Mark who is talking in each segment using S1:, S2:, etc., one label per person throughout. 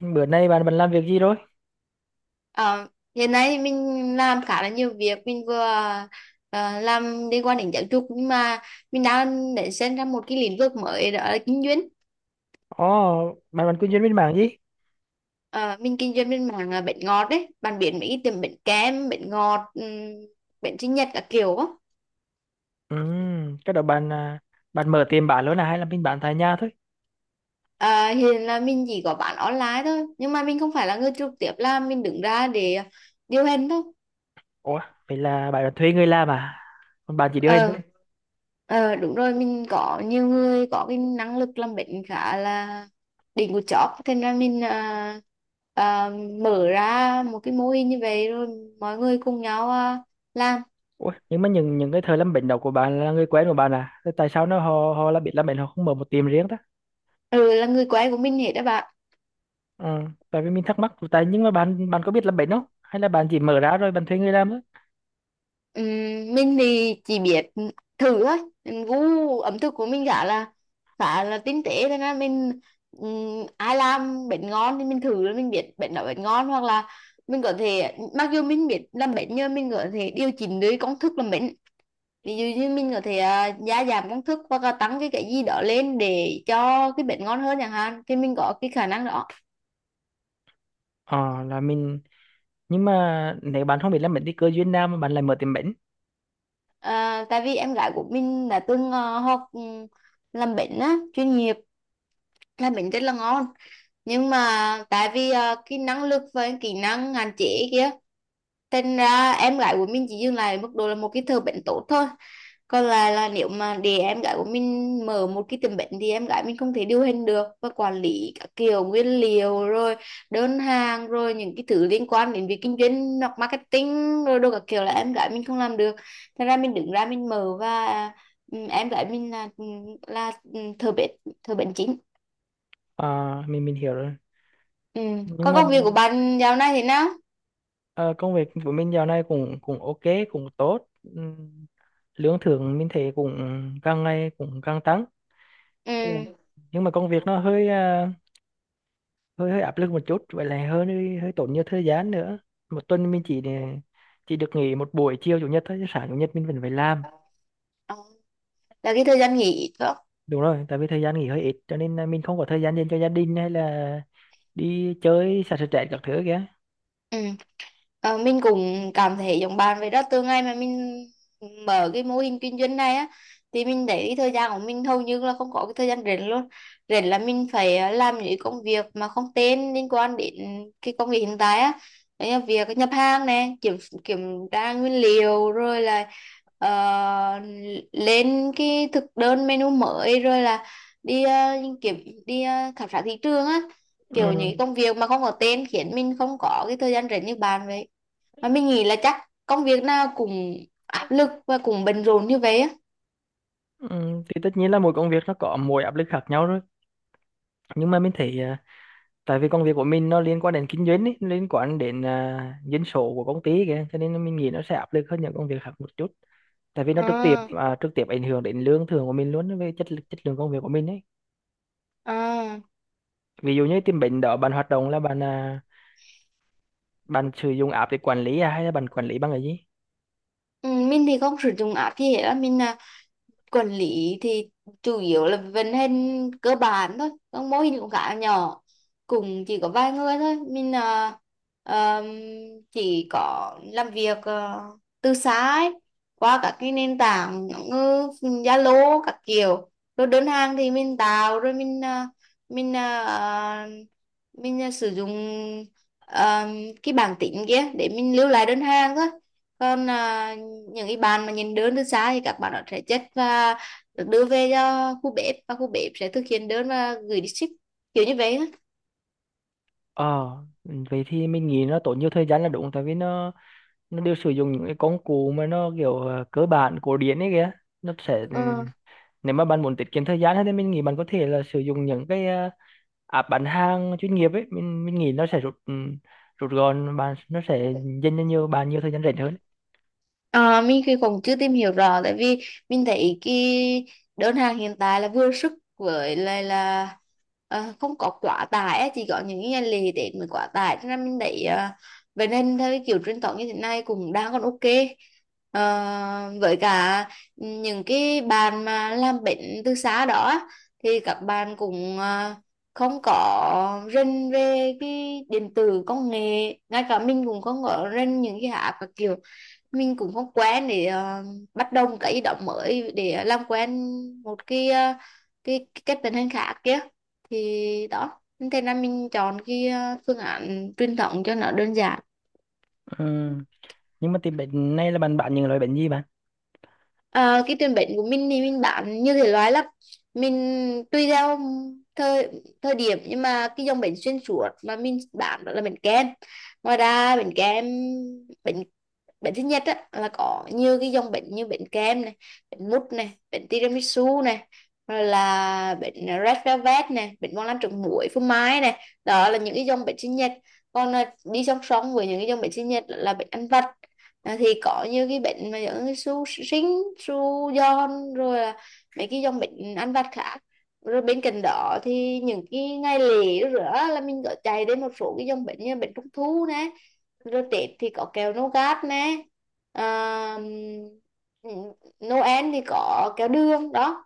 S1: Bữa nay bạn bạn làm việc gì rồi?
S2: Ờ, Hiện nay mình làm khá là nhiều việc. Mình vừa làm liên quan đến giáo dục, nhưng mà mình đang để xem ra một cái lĩnh vực mới, đó là kinh doanh.
S1: Ồ, bạn bạn kinh doanh bên mảng gì?
S2: Ờ, mình kinh doanh bên mảng bánh ngọt đấy, bạn biết mấy cái tiệm bánh kem, bánh ngọt, bánh sinh nhật các kiểu á.
S1: Ừ, cái đó bạn à, bạn mở tiệm bán luôn à hay là mình bán tại nhà thôi?
S2: Ờ, hiện là mình chỉ có bán online thôi, nhưng mà mình không phải là người trực tiếp làm, mình đứng ra để điều hành thôi.
S1: Ủa, vậy là bạn thuê người làm à? Còn bạn chỉ điều hành
S2: ờ
S1: thôi.
S2: ờ đúng rồi, mình có nhiều người có cái năng lực làm bệnh khá là đỉnh của chóp, thế nên là mình à, mở ra một cái mô hình như vậy, rồi mọi người cùng nhau làm.
S1: Ủa, nhưng mà những cái thợ làm bánh đó của bạn là người quen của bạn à? Thế tại sao nó họ họ là biết làm bánh họ không mở một tiệm riêng ta?
S2: Ừ, là người quen của mình hết đó bạn.
S1: Ừ, tại vì mình thắc mắc tại nhưng mà bạn bạn có biết làm bánh không? Hay là bạn chỉ mở ra rồi bạn thuê người làm thôi?
S2: Ừm, mình thì chỉ biết thử thôi. Mình gu ẩm thực của mình khá là tinh tế, thế nên mình ai làm bánh ngon thì mình thử, rồi mình biết bánh đó bánh ngon, hoặc là mình có thể, mặc dù mình biết làm bánh nhưng mình có thể điều chỉnh được công thức làm bánh. Ví dụ như mình có thể gia giảm công thức, hoặc là tăng cái gì đó lên để cho cái bánh ngon hơn chẳng hạn, thì mình có cái khả năng đó.
S1: Ờ là mình. Nhưng mà nếu bạn không biết làm bánh thì cơ duyên nào mà bạn lại mở tiệm bánh?
S2: À, tại vì em gái của mình đã từng học, làm bánh á chuyên nghiệp, là bánh rất là ngon, nhưng mà tại vì cái năng lực và kỹ năng hạn chế kia, thành ra em gái của mình chỉ dừng lại ở mức độ là một cái thợ bệnh tốt thôi. Còn là nếu mà để em gái của mình mở một cái tiệm bệnh thì em gái mình không thể điều hành được, và quản lý các kiểu nguyên liệu, rồi đơn hàng, rồi những cái thứ liên quan đến việc kinh doanh hoặc marketing rồi đồ các kiểu là em gái mình không làm được. Thành ra mình đứng ra mình mở, và ừ, em gái mình là, thợ bệnh, thợ bệnh chính.
S1: Mình hiểu rồi.
S2: Ừ.
S1: Nhưng
S2: Có
S1: mà.
S2: công việc của bạn dạo này thế nào?
S1: Ờ, công việc của mình dạo này cũng cũng ok, cũng tốt. Lương thưởng mình thấy cũng càng ngày cũng càng tăng. Ừ.
S2: Ừ.
S1: Nhưng mà công việc nó hơi hơi hơi áp lực một chút, vậy là hơi hơi tốn nhiều thời gian nữa. Một tuần mình chỉ được nghỉ một buổi chiều chủ nhật thôi, chứ sáng chủ nhật mình vẫn phải làm.
S2: Ờ, là cái thời gian nghỉ phải không?
S1: Đúng rồi, tại vì thời gian nghỉ hơi ít cho nên là mình không có thời gian dành cho gia đình hay là đi chơi xả stress các thứ kìa.
S2: Ừ. Ờ, mình cũng cảm thấy giống bạn vậy đó. Từ ngày mà mình mở cái mô hình kinh doanh này á, thì mình thấy cái thời gian của mình hầu như là không có cái thời gian rảnh luôn. Rảnh là mình phải làm những công việc mà không tên liên quan đến cái công việc hiện tại á. Đấy là việc nhập hàng nè, kiểm kiểm tra nguyên liệu, rồi là ờ, lên cái thực đơn menu mới, rồi là đi kiểm khảo sát thị trường á. Kiểu
S1: Ừ.
S2: những công việc mà không có tên khiến mình không có cái thời gian rảnh như bạn vậy. Mà mình nghĩ là chắc công việc nào cũng áp lực và cũng bận rộn như vậy á.
S1: Ừ. Thì tất nhiên là mỗi công việc nó có mỗi áp lực khác nhau rồi, nhưng mà mình thấy tại vì công việc của mình nó liên quan đến kinh doanh ấy, liên quan đến dân số của công ty kìa, cho nên mình nghĩ nó sẽ áp lực hơn những công việc khác một chút, tại vì nó trực tiếp
S2: à
S1: trực tiếp ảnh hưởng đến lương thưởng của mình luôn về chất lượng công việc của mình ấy.
S2: à.
S1: Ví dụ như tìm bệnh đó bạn hoạt động là bạn sử dụng app để quản lý à, hay là bạn quản lý bằng cái gì?
S2: Ừ, mình thì không sử dụng app gì hết á. Mình quản lý thì chủ yếu là vận hành cơ bản thôi, các mô hình cũng khá nhỏ, cũng chỉ có vài người thôi. Mình ờm, chỉ có làm việc từ xa ấy, qua các cái nền tảng như Zalo các kiểu. Rồi đơn hàng thì mình tạo, rồi mình à, mình sử dụng ờm, cái bảng tính kia để mình lưu lại đơn hàng thôi. Còn những cái bạn mà nhìn đơn từ xa thì các bạn đó sẽ chất, và được đưa về cho khu bếp, và khu bếp sẽ thực hiện đơn và gửi đi ship, kiểu như vậy á.
S1: Ờ. Ừ, vậy thì mình nghĩ nó tốn nhiều thời gian là đúng, tại vì nó đều sử dụng những cái công cụ mà nó kiểu à, cơ bản cổ điển ấy kìa, nó sẽ ừ,
S2: Ừ.
S1: nếu mà bạn muốn tiết kiệm thời gian hơn thì mình nghĩ bạn có thể là sử dụng những cái app bán hàng chuyên nghiệp ấy. Mình nghĩ nó sẽ rút rút gọn bạn, nó sẽ dành cho nhiều bạn nhiều thời gian rảnh hơn.
S2: À, mình thì cũng chưa tìm hiểu rõ, tại vì mình thấy cái đơn hàng hiện tại là vừa sức, với lại là không có quá tải á, chỉ có những cái ngày lễ Tết mới quá tải, cho nên mình thấy ờ, vậy nên theo cái kiểu truyền thống như thế này cũng đang còn ok. Ờ, với cả những cái bạn mà làm bệnh từ xa đó á, thì các bạn cũng không có rên về cái điện tử công nghệ. Ngay cả mình cũng không có rên những cái app các kiểu, mình cũng không quen để bắt đầu một cái ý động mới để làm quen một cái cái cách vận hành khác kia. Thì đó, thế nên là mình chọn cái phương án truyền thống cho nó đơn giản.
S1: Ừ. Nhưng mà tìm bánh này là bạn bán những loại bánh gì bạn?
S2: Ờ, cái tiền bệnh của mình thì mình bán như thể loại là mình tùy theo thời thời điểm, nhưng mà cái dòng bánh xuyên suốt mà mình bán đó là bánh kem. Ngoài ra bánh kem, bánh bánh sinh nhật á, là có nhiều cái dòng bánh như bánh kem này, bánh mút này, bánh tiramisu này, rồi là bánh red velvet này, bánh bông lan trứng muối phô mai này, đó là những cái dòng bánh sinh nhật. Còn đi song song với những cái dòng bánh sinh nhật là bánh ăn vặt. Thì có như cái bệnh mà những cái su sinh, su giòn, rồi là mấy cái dòng bệnh ăn vặt khác. Rồi bên cạnh đó thì những cái ngày lễ rửa, là mình có chạy đến một số cái dòng bệnh như bệnh trung thu nè, rồi Tết thì có kẹo nougat nè, à, Noel thì có kẹo đường đó.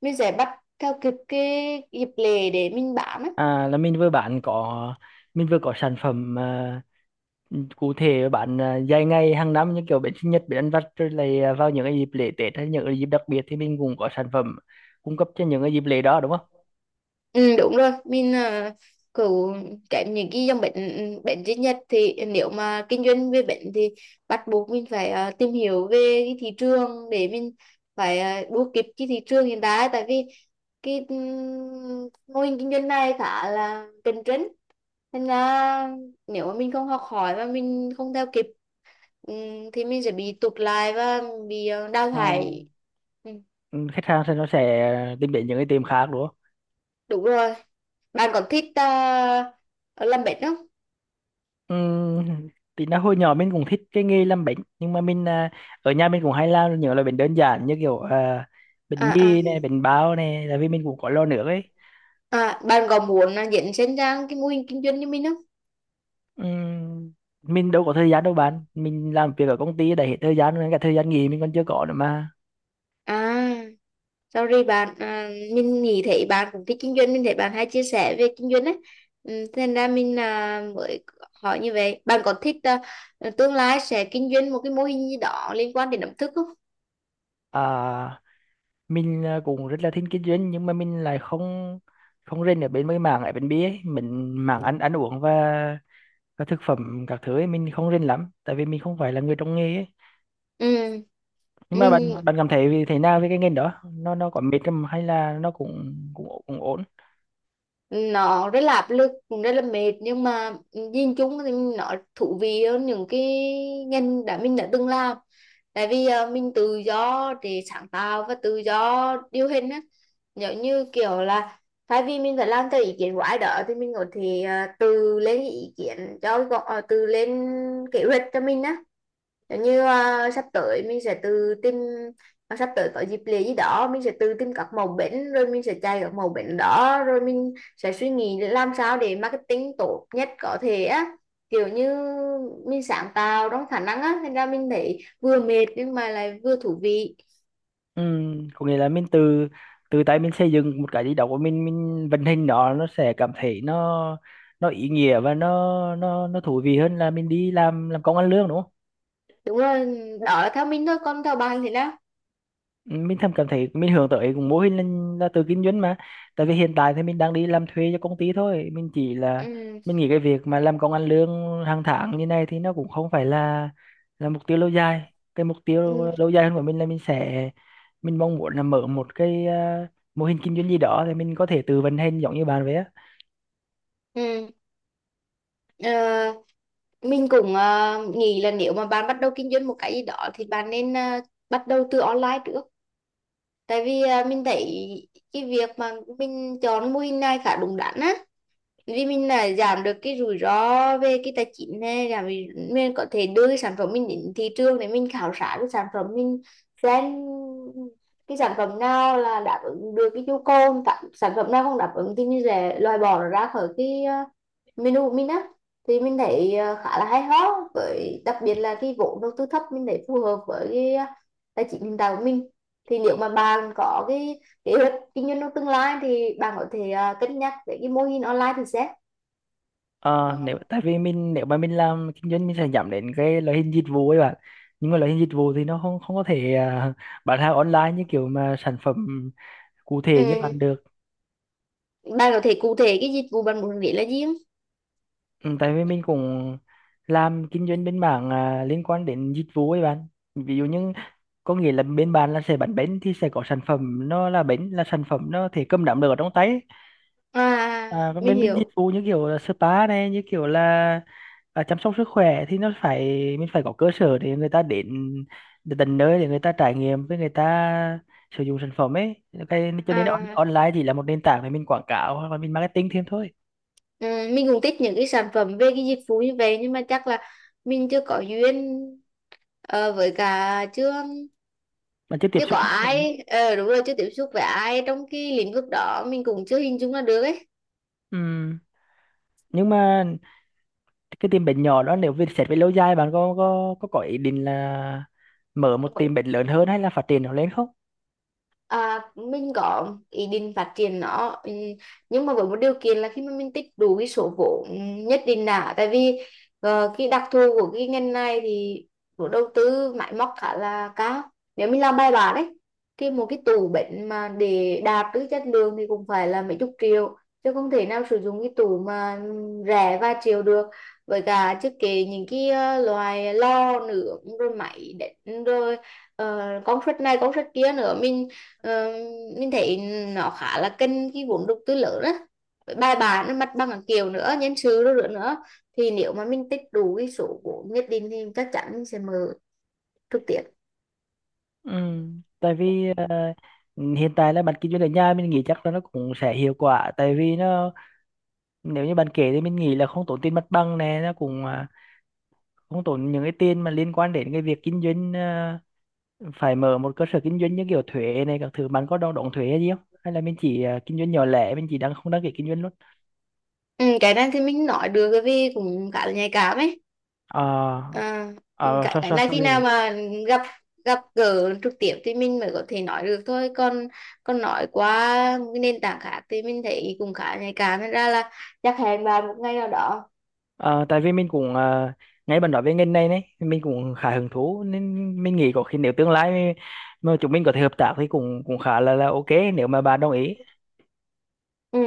S2: Mình sẽ bắt theo kịp cái dịp lễ để mình bán á.
S1: À là mình vừa bán có mình vừa có sản phẩm à, cụ thể bán à, dài ngày hàng năm như kiểu bánh sinh nhật, bánh ăn vặt, rồi lại à, vào những cái dịp lễ Tết hay những cái dịp đặc biệt thì mình cũng có sản phẩm cung cấp cho những cái dịp lễ đó đúng không?
S2: Ừ, đúng rồi, mình uh, cứ tránh những cái dòng bệnh bệnh duy nhất. Thì nếu mà kinh doanh về bệnh thì bắt buộc mình phải tìm hiểu về cái thị trường để mình phải đua kịp cái thị trường hiện tại, tại vì cái mô hình kinh doanh này khá là cạnh tranh. Nên là nếu mà mình không học hỏi và mình không theo kịp thì mình sẽ bị tụt lại và bị đào
S1: Ờ.
S2: thải. Ừ,
S1: Ừ, khách hàng sẽ nó sẽ tìm đến những cái tiệm khác đúng không?
S2: đúng rồi. Bạn còn thích làm bệnh không?
S1: Ừm, thì nó hồi nhỏ mình cũng thích cái nghề làm bánh, nhưng mà ở nhà mình cũng hay làm những loại bánh đơn giản như kiểu à,
S2: à
S1: bánh
S2: à
S1: mì này, bánh bao này, là vì mình cũng có lo nước ấy.
S2: à bạn có muốn dẫn sinh ra cái mô hình kinh doanh như mình không?
S1: Ừm, mình đâu có thời gian đâu bạn, mình làm việc ở công ty đã hết thời gian nên cả thời gian nghỉ mình còn chưa có nữa mà.
S2: À, sorry bạn, mình nghĩ thấy bạn cũng thích kinh doanh, mình thấy bạn hay chia sẻ về kinh doanh ấy. Ừ, thế nên ra mình mới hỏi như vậy. Bạn có thích tương lai sẽ kinh doanh một cái mô hình gì đó liên quan đến ẩm thực không?
S1: À, cũng rất là thích kinh doanh, nhưng mà mình lại không không rên ở bên mấy mảng ở bên bia ấy, mình mảng ăn ăn uống và thực phẩm các thứ ấy mình không rên lắm, tại vì mình không phải là người trong nghề ấy.
S2: Ừ,
S1: Nhưng mà
S2: mình,
S1: bạn bạn cảm thấy vì thế nào với cái ngành đó, nó có mệt không hay là nó cũng cũng ổ- cũng ổn?
S2: nó rất là áp lực, cũng rất là mệt, nhưng mà nhìn chung thì nó thú vị hơn những cái ngành mình đã từng làm. Tại vì mình tự do để sáng tạo và tự do điều hình á. Giống như kiểu là thay vì mình phải làm theo ý kiến của ai đó, thì mình có thể tự lên ý kiến cho tự lên kế hoạch cho mình á. Giống như sắp tới có dịp lễ gì đó, mình sẽ tự tìm các mẫu bánh, rồi mình sẽ chạy các mẫu bánh đó, rồi mình sẽ suy nghĩ làm sao để marketing tốt nhất có thể á. Kiểu như mình sáng tạo trong khả năng á, thành ra mình thấy vừa mệt nhưng mà lại vừa thú vị.
S1: Ừ, có nghĩa là mình từ từ tay mình xây dựng một cái gì đó của mình vận hành nó sẽ cảm thấy nó ý nghĩa và nó thú vị hơn là mình đi làm công ăn lương đúng không?
S2: Đúng rồi, đó là theo mình thôi, còn theo bạn thì đó.
S1: Mình thầm cảm thấy mình hướng tới cũng mô hình là tự kinh doanh mà, tại vì hiện tại thì mình đang đi làm thuê cho công ty thôi, mình chỉ là,
S2: Ừ.
S1: mình nghĩ cái việc mà làm công ăn lương hàng tháng như này thì nó cũng không phải là mục tiêu lâu dài. Cái mục tiêu
S2: Ừ.
S1: lâu dài hơn của mình là mình sẽ, mình mong muốn là mở một cái à, mô hình kinh doanh gì đó thì mình có thể tự vận hành giống như bạn vậy á.
S2: Ừ. Ờ, mình cũng nghĩ là nếu mà bạn bắt đầu kinh doanh một cái gì đó thì bạn nên bắt đầu từ online trước. Tại vì mình thấy cái việc mà mình chọn mô hình này khá đúng đắn á. Vì mình là giảm được cái rủi ro về cái tài chính này, giảm vì mình có thể đưa cái sản phẩm mình đến thị trường để mình khảo sát cái sản phẩm mình, xem cái sản phẩm nào là đáp ứng được cái nhu cầu, sản phẩm nào không đáp ứng thì mình sẽ loại bỏ nó ra khỏi cái mình u mình á. Thì mình thấy ờ, khá là hay ho, với đặc biệt là cái vốn đầu tư thấp, mình thấy phù hợp với cái tài chính hiện tại của mình. Thì nếu mà bạn có cái kế hoạch kinh doanh trong tương lai thì bạn có thể cân nhắc về cái mô hình online thử xét.
S1: Ờ, nếu tại vì mình, nếu mà mình làm kinh doanh mình sẽ nhắm đến cái loại hình dịch vụ ấy bạn, nhưng mà loại hình dịch vụ thì nó không không có thể à, bán hàng online như kiểu mà sản phẩm cụ
S2: Ừ.
S1: thể như bạn được.
S2: Bạn có thể cụ thể cái dịch vụ bạn muốn nghĩ là gì không?
S1: Ừ, tại vì mình cũng làm kinh doanh bên mảng à, liên quan đến dịch vụ ấy bạn, ví dụ như có nghĩa là bên bạn là sẽ bán bánh thì sẽ có sản phẩm, nó là bánh, là sản phẩm nó thể cầm nắm được ở trong tay ấy.
S2: À
S1: À, còn
S2: mình
S1: bên bên dịch
S2: hiểu.
S1: vụ như kiểu là spa này, như kiểu là à, chăm sóc sức khỏe thì nó phải, mình phải có cơ sở để người ta đến, đến tận nơi để người ta trải nghiệm, với người ta sử dụng sản phẩm ấy, cái cho nên
S2: À,
S1: online chỉ là một nền tảng để mình quảng cáo hoặc là mình marketing thêm thôi.
S2: ừ, mình cũng thích những cái sản phẩm về cái dịch vụ như vậy, nhưng mà chắc là mình chưa có duyên, với cả chưa.
S1: Mà chưa tiếp
S2: Chứ có
S1: xúc với người.
S2: ai ờ, đúng rồi, chưa tiếp xúc với ai trong cái lĩnh vực đó, mình cũng chưa hình dung ra được ấy.
S1: Ừ. Nhưng mà cái tiệm bánh nhỏ đó nếu về xét về lâu dài bạn có ý định là mở một tiệm bánh lớn hơn hay là phát triển nó lên không?
S2: À, mình có ý định phát triển nó ừ, nhưng mà với một điều kiện là khi mà mình tích đủ cái số vốn nhất định đã. Tại vì cái đặc thù của cái ngành này thì vốn đầu tư máy móc khá là cao. Nếu mình làm bài bản đấy, thì một cái tủ bệnh mà để đạt được chất lượng thì cũng phải là mấy chục triệu, chứ không thể nào sử dụng cái tủ mà rẻ vài triệu được. Với cả chưa kể những cái loại lo nướng, rồi máy đánh, rồi công suất này công suất kia nữa. Mình, ờ, mình thấy nó khá là cần cái vốn đầu tư lớn á. Với bài bản nó mặt bằng các kiểu nữa, nhân sự đó nữa nữa, thì nếu mà mình tích đủ cái số vốn nhất định thì chắc chắn mình sẽ mở trực tiếp.
S1: Ừ. Tại vì ờ, hiện tại là bạn kinh doanh ở nhà, mình nghĩ chắc là nó cũng sẽ hiệu quả, tại vì nó, nếu như bạn kể thì mình nghĩ là không tốn tiền mặt bằng này, nó cũng à, không tốn những cái tiền mà liên quan đến cái việc kinh doanh à, phải mở một cơ sở kinh doanh như kiểu thuế này các thứ. Bạn có đo đóng thuế hay gì không? Hay là mình chỉ à, kinh doanh nhỏ lẻ, mình chỉ đang không đăng ký kinh doanh luôn?
S2: Ừ, cái này thì mình nói được bởi vì cũng khá là nhạy cảm ấy.
S1: Ờ.
S2: À,
S1: Ờ,
S2: cái
S1: sao
S2: cái
S1: sao
S2: này
S1: sao
S2: khi
S1: đây
S2: nào
S1: bạn?
S2: mà gặp gặp gỡ trực tiếp thì mình mới có thể nói được thôi. Còn còn nói qua cái nền tảng khác thì mình thấy cũng khá nhạy cảm, nên ra là chắc hẹn vào một ngày nào đó.
S1: Ờ, tại vì mình ngay bạn nói về ngành này đấy, mình cũng khá hứng thú nên mình nghĩ có khi nếu tương lai mà chúng mình có thể hợp tác thì cũng cũng khá là ok, nếu mà bạn đồng ý.
S2: Ừ,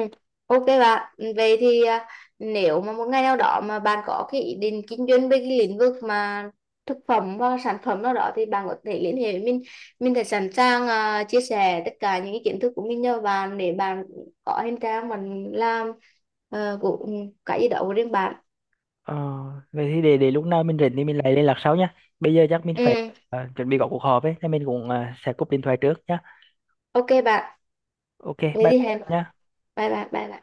S2: ok bạn. Vậy thì nếu mà một ngày nào đó mà bạn có cái ý định kinh doanh về cái lĩnh vực mà thực phẩm và sản phẩm nào đó thì bạn có thể liên hệ với mình. Mình sẽ sẵn sàng chia sẻ tất cả những cái kiến thức của mình cho bạn để bạn có thêm trang mình làm uh, của ừ, cái gì đó của riêng bạn.
S1: Ờ, vậy thì để lúc nào mình rảnh thì mình lại liên lạc sau nhá. Bây giờ chắc mình phải
S2: Ừ,
S1: chuẩn bị có cuộc họp ấy, nên mình cũng sẽ cúp điện thoại trước nhá.
S2: ok bạn.
S1: Ok,
S2: Vậy
S1: bye
S2: thì
S1: bye
S2: hẹn.
S1: nhá.
S2: Bye bye. Bye bye.